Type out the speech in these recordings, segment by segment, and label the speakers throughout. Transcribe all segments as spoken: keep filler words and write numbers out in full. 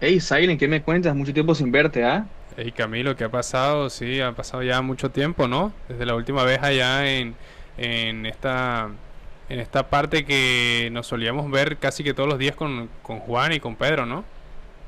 Speaker 1: Hey, Silent, ¿qué me cuentas? Mucho tiempo sin verte, ¿ah?
Speaker 2: Hey Camilo, ¿qué ha pasado? Sí, ha pasado ya mucho tiempo, ¿no? Desde la última vez allá en, en esta en esta parte que nos solíamos ver casi que todos los días con, con Juan y con Pedro, ¿no?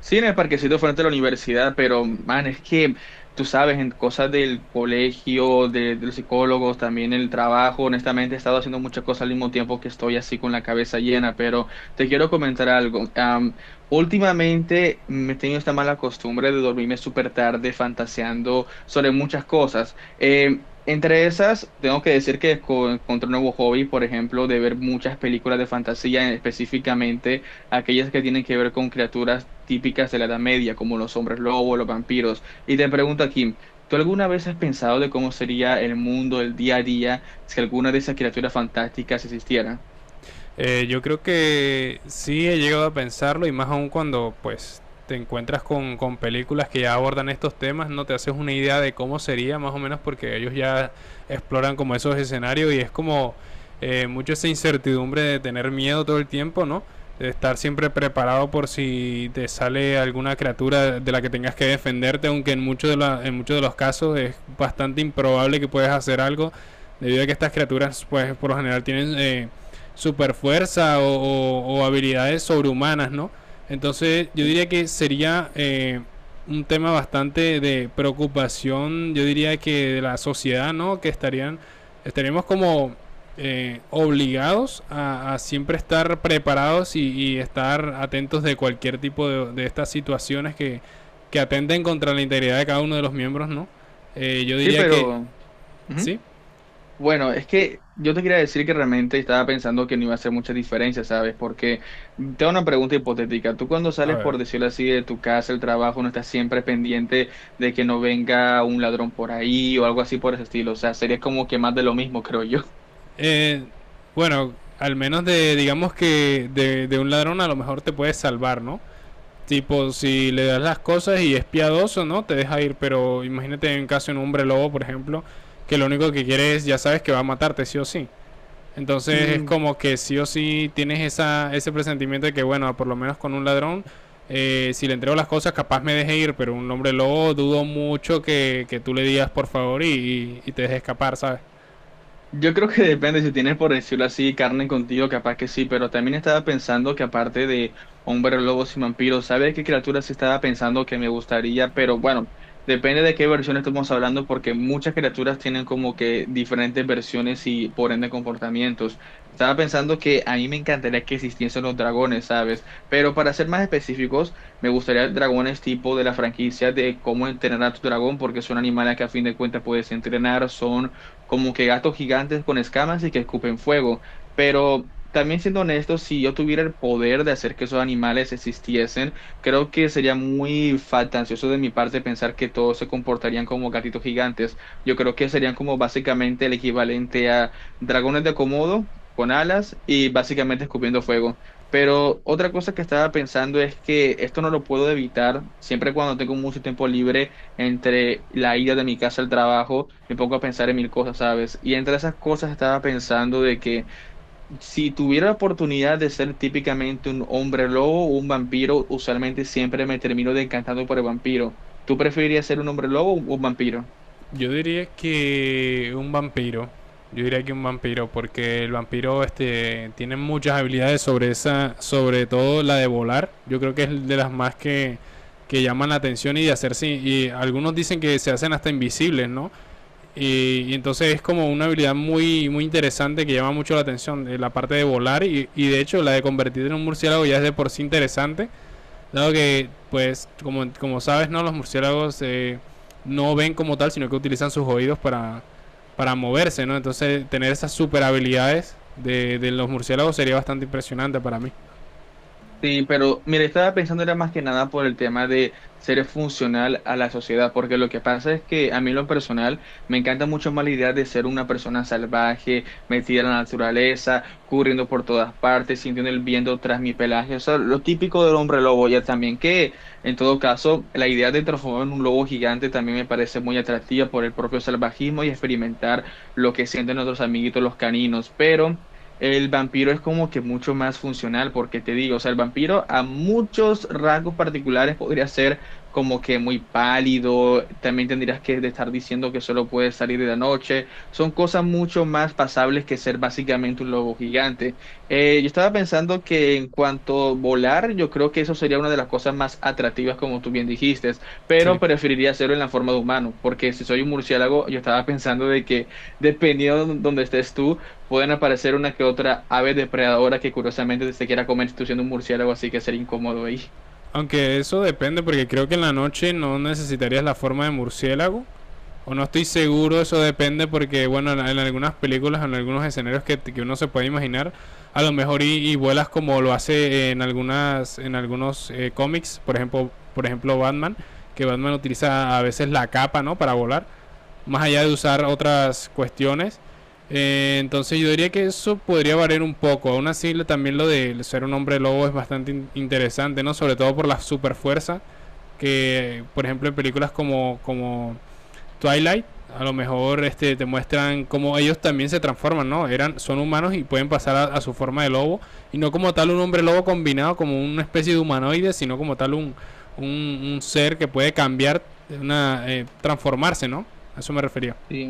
Speaker 1: Sí, en el parquecito frente a la universidad, pero, man, es que tú sabes, en cosas del colegio, de, de los psicólogos, también el trabajo, honestamente he estado haciendo muchas cosas al mismo tiempo que estoy así con la cabeza llena, pero te quiero comentar algo. Am, últimamente me he tenido esta mala costumbre de dormirme súper tarde fantaseando sobre muchas cosas. Eh, Entre esas, tengo que decir que co- encontré un nuevo hobby, por ejemplo, de ver muchas películas de fantasía, específicamente aquellas que tienen que ver con criaturas típicas de la Edad Media, como los hombres lobos, los vampiros. Y te pregunto, Kim, ¿tú alguna vez has pensado de cómo sería el mundo, el día a día, si alguna de esas criaturas fantásticas existiera?
Speaker 2: Eh, yo creo que sí he llegado a pensarlo, y más aún cuando pues te encuentras con, con películas que ya abordan estos temas. No te haces una idea de cómo sería más o menos porque ellos ya exploran como esos escenarios, y es como eh, mucho esa incertidumbre de tener miedo todo el tiempo, ¿no? De estar siempre preparado por si te sale alguna criatura de la que tengas que defenderte, aunque en muchos de, la- en muchos de los casos es bastante improbable que puedas hacer algo, debido a que estas criaturas pues por lo general tienen eh, super fuerza o, o- o habilidades sobrehumanas, ¿no? Entonces yo
Speaker 1: Sí,
Speaker 2: diría que sería eh, un tema bastante de preocupación, yo diría que de la sociedad, ¿no? Que estarían, estaríamos como eh, obligados a, a siempre estar preparados, y, y estar atentos de cualquier tipo de, de estas situaciones que, que atenten contra la integridad de cada uno de los miembros, ¿no? Eh, yo
Speaker 1: sí,
Speaker 2: diría que,
Speaker 1: pero... Ujú.
Speaker 2: sí,
Speaker 1: Bueno, es que yo te quería decir que realmente estaba pensando que no iba a hacer mucha diferencia, ¿sabes? Porque tengo una pregunta hipotética. Tú cuando
Speaker 2: a
Speaker 1: sales,
Speaker 2: ver.
Speaker 1: por decirlo así, de tu casa, el trabajo, no estás siempre pendiente de que no venga un ladrón por ahí o algo así por ese estilo. O sea, sería como que más de lo mismo, creo yo.
Speaker 2: Eh, bueno, al menos de, digamos que de, de un ladrón a lo mejor te puedes salvar, ¿no? Tipo, si le das las cosas y es piadoso, ¿no? Te deja ir, pero imagínate en caso de un hombre lobo, por ejemplo, que lo único que quiere es, ya sabes que va a matarte, sí o sí. Entonces es como que sí o sí tienes esa, ese presentimiento de que, bueno, por lo menos con un ladrón, eh, si le entrego las cosas, capaz me deje ir, pero un hombre lobo dudo mucho que, que tú le digas por favor y, y- y te deje escapar, ¿sabes?
Speaker 1: Yo creo que depende, si tienes por decirlo así carne contigo, capaz que sí, pero también estaba pensando que aparte de hombres lobos y vampiros, ¿sabes qué criaturas sí estaba pensando que me gustaría? Pero bueno, depende de qué versión estamos hablando, porque muchas criaturas tienen como que diferentes versiones y por ende comportamientos. Estaba pensando que a mí me encantaría que existiesen los dragones, ¿sabes? Pero para ser más específicos, me gustaría dragones tipo de la franquicia de cómo entrenar a tu dragón, porque son animales que a fin de cuentas puedes entrenar, son como que gatos gigantes con escamas y que escupen fuego. Pero también siendo honesto, si yo tuviera el poder de hacer que esos animales existiesen, creo que sería muy fantasioso de mi parte pensar que todos se comportarían como gatitos gigantes. Yo creo que serían como básicamente el equivalente a dragones de Komodo con alas y básicamente escupiendo fuego. Pero otra cosa que estaba pensando es que esto no lo puedo evitar. Siempre cuando tengo mucho tiempo libre, entre la ida de mi casa al trabajo, me pongo a pensar en mil cosas, ¿sabes? Y entre esas cosas estaba pensando de que si tuviera la oportunidad de ser típicamente un hombre lobo o un vampiro, usualmente siempre me termino decantando por el vampiro. ¿Tú preferirías ser un hombre lobo o un vampiro?
Speaker 2: Yo diría que un vampiro. Yo diría que un vampiro, porque el vampiro este tiene muchas habilidades sobre esa, sobre todo la de volar. Yo creo que es de las más que, que llaman la atención, y de hacerse. Y algunos dicen que se hacen hasta invisibles, ¿no? Y, y entonces es como una habilidad muy, muy interesante que llama mucho la atención, eh, la parte de volar, y, y de hecho la de convertirte en un murciélago ya es de por sí interesante. Dado que, pues, como, como sabes, ¿no? Los murciélagos eh, no ven como tal, sino que utilizan sus oídos para, para moverse, ¿no? Entonces, tener esas super habilidades de, de los murciélagos sería bastante impresionante para mí.
Speaker 1: Sí, pero mire, estaba pensando era más que nada por el tema de ser funcional a la sociedad, porque lo que pasa es que a mí en lo personal me encanta mucho más la idea de ser una persona salvaje, metida en la naturaleza, corriendo por todas partes, sintiendo el viento tras mi pelaje, o sea, lo típico del hombre lobo, ya también que en todo caso la idea de transformarme en un lobo gigante también me parece muy atractiva por el propio salvajismo y experimentar lo que sienten nuestros amiguitos los caninos, pero... El vampiro es como que mucho más funcional, porque te digo, o sea, el vampiro a muchos rasgos particulares podría ser como que muy pálido, también tendrías que estar diciendo que solo puedes salir de la noche, son cosas mucho más pasables que ser básicamente un lobo gigante. Eh, yo estaba pensando que en cuanto a volar, yo creo que eso sería una de las cosas más atractivas, como tú bien dijiste, pero
Speaker 2: Sí.
Speaker 1: preferiría hacerlo en la forma de humano, porque si soy un murciélago, yo estaba pensando de que dependiendo de donde estés tú, pueden aparecer una que otra ave depredadora que curiosamente se quiera comer tú siendo un murciélago, así que sería incómodo ahí.
Speaker 2: Aunque eso depende, porque creo que en la noche no necesitarías la forma de murciélago. O no estoy seguro, eso depende porque, bueno, en, en algunas películas, en algunos escenarios que, que uno se puede imaginar, a lo mejor y, y vuelas como lo hace en algunas en algunos eh, cómics, por ejemplo, por ejemplo Batman, que Batman utiliza a veces la capa, ¿no? Para volar, más allá de usar otras cuestiones. Eh, entonces yo diría que eso podría variar un poco. Aún así, también lo de ser un hombre lobo es bastante in- interesante, ¿no? Sobre todo por la superfuerza que, por ejemplo, en películas como, como Twilight, a lo mejor este, te muestran cómo ellos también se transforman, ¿no? Eran, son humanos y pueden pasar a, a su forma de lobo. Y no como tal un hombre lobo combinado, como una especie de humanoide, sino como tal un, un, un ser que puede cambiar, una, eh, transformarse, ¿no? A eso me refería.
Speaker 1: Sí.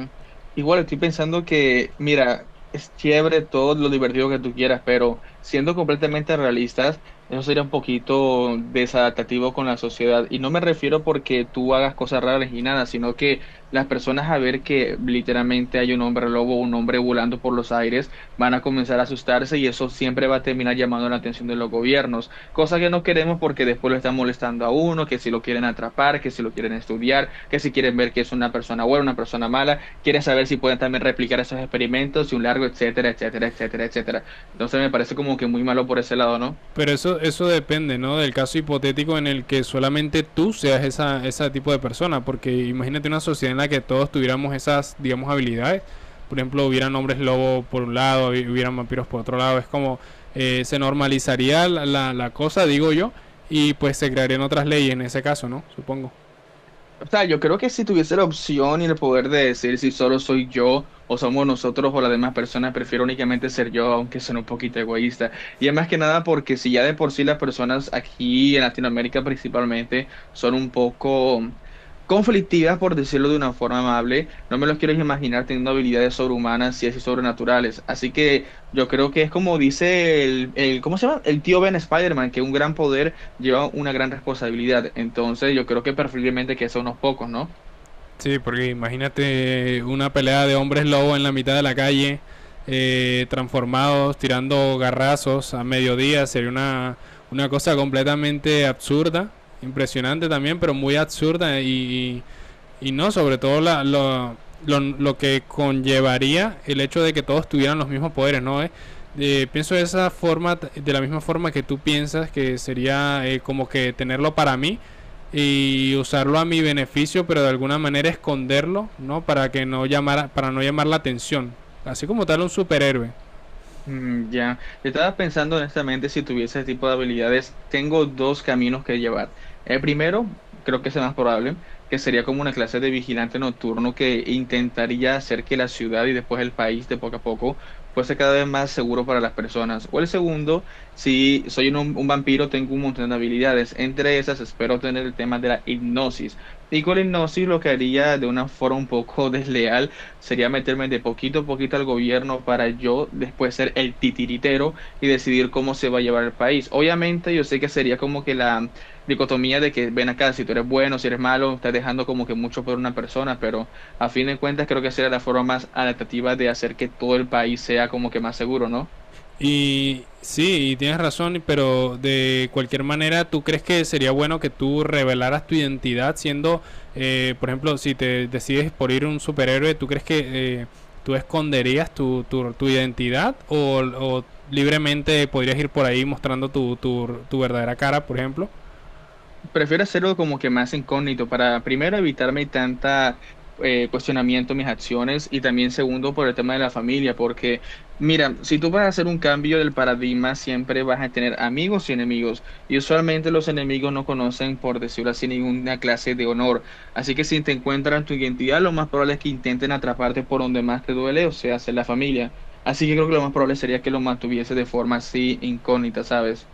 Speaker 1: Igual estoy pensando que, mira, es chévere todo lo divertido que tú quieras, pero siendo completamente realistas, eso sería un poquito desadaptativo con la sociedad. Y no me refiero porque tú hagas cosas raras y nada, sino que las personas a ver que literalmente hay un hombre lobo, un hombre volando por los aires, van a comenzar a asustarse y eso siempre va a terminar llamando la atención de los gobiernos. Cosa que no queremos porque después lo están molestando a uno, que si lo quieren atrapar, que si lo quieren estudiar, que si quieren ver que es una persona buena, una persona mala, quieren saber si pueden también replicar esos experimentos y un largo, etcétera, etcétera, etcétera, etcétera. Entonces me parece como que muy malo por ese lado, ¿no?
Speaker 2: Pero eso, eso depende, ¿no? Del caso hipotético en el que solamente tú seas esa, ese tipo de persona. Porque imagínate una sociedad en la que todos tuviéramos esas, digamos, habilidades. Por ejemplo, hubieran hombres lobo por un lado, hubieran vampiros por otro lado. Es como eh, se normalizaría la, la, la cosa, digo yo, y pues se crearían otras leyes en ese caso, ¿no? Supongo.
Speaker 1: O sea, yo creo que si tuviese la opción y el poder de decir si solo soy yo o somos nosotros o las demás personas, prefiero únicamente ser yo, aunque suene un poquito egoísta. Y es más que nada porque si ya de por sí las personas aquí en Latinoamérica principalmente son un poco conflictivas, por decirlo de una forma amable, no me los quiero imaginar teniendo habilidades sobrehumanas y así sobrenaturales. Así que yo creo que es como dice el, el ¿cómo se llama? El tío Ben Spider-Man, que un gran poder lleva una gran responsabilidad. Entonces, yo creo que preferiblemente que sea unos pocos, ¿no?
Speaker 2: Sí, porque imagínate una pelea de hombres lobo en la mitad de la calle, eh, transformados, tirando garrazos a mediodía, sería una, una cosa completamente absurda, impresionante también, pero muy absurda, y, y no, sobre todo la, lo, lo, lo que conllevaría el hecho de que todos tuvieran los mismos poderes, ¿no? Eh, eh, pienso de esa forma, de la misma forma que tú piensas, que sería eh, como que tenerlo para mí y usarlo a mi beneficio, pero de alguna manera esconderlo, ¿no? Para que no llamara, para no llamar la atención. Así como tal un superhéroe.
Speaker 1: Mm, ya. Yo estaba pensando honestamente si tuviese ese tipo de habilidades, tengo dos caminos que llevar. El primero, creo que es el más probable, que sería como una clase de vigilante nocturno que intentaría hacer que la ciudad y después el país de poco a poco fuese cada vez más seguro para las personas. O el segundo, si soy un, un vampiro, tengo un montón de habilidades. Entre esas, espero tener el tema de la hipnosis. Y con la hipnosis lo que haría de una forma un poco desleal sería meterme de poquito a poquito al gobierno para yo después ser el titiritero y decidir cómo se va a llevar el país. Obviamente, yo sé que sería como que la dicotomía de que ven acá, si tú eres bueno, si eres malo, estás dejando como que mucho por una persona, pero a fin de cuentas creo que sería la forma más adaptativa de hacer que todo el país sea como que más seguro, ¿no?
Speaker 2: Y sí, y tienes razón, pero de cualquier manera, ¿tú crees que sería bueno que tú revelaras tu identidad siendo, eh, por ejemplo, si te decides por ir un superhéroe? ¿Tú crees que eh, tú esconderías tu, tu, tu identidad, o, o libremente podrías ir por ahí mostrando tu, tu, tu verdadera cara, por ejemplo?
Speaker 1: Prefiero hacerlo como que más incógnito para primero evitarme tanta eh, cuestionamiento en mis acciones y también segundo por el tema de la familia, porque mira, si tú vas a hacer un cambio del paradigma, siempre vas a tener amigos y enemigos y usualmente los enemigos no conocen, por decirlo así, ninguna clase de honor. Así que si te encuentran tu identidad, lo más probable es que intenten atraparte por donde más te duele, o sea, hacer la familia. Así que creo que lo más probable sería que lo mantuviese de forma así incógnita, ¿sabes?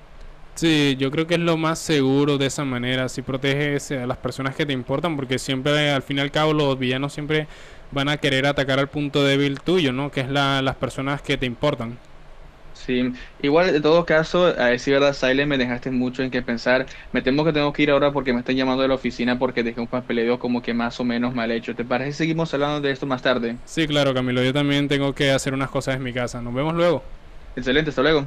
Speaker 2: Sí, yo creo que es lo más seguro de esa manera. Si proteges a las personas que te importan, porque siempre, al fin y al cabo, los villanos siempre van a querer atacar al punto débil tuyo, ¿no? Que es la, las personas que te importan.
Speaker 1: Sí, igual en todo caso, a decir verdad, Silent, me dejaste mucho en qué pensar. Me temo que tengo que ir ahora porque me están llamando de la oficina porque dejé un papeleo como que más o menos mal hecho. ¿Te parece que seguimos hablando de esto más tarde?
Speaker 2: Sí, claro, Camilo, yo también tengo que hacer unas cosas en mi casa. Nos vemos luego.
Speaker 1: Excelente, hasta luego.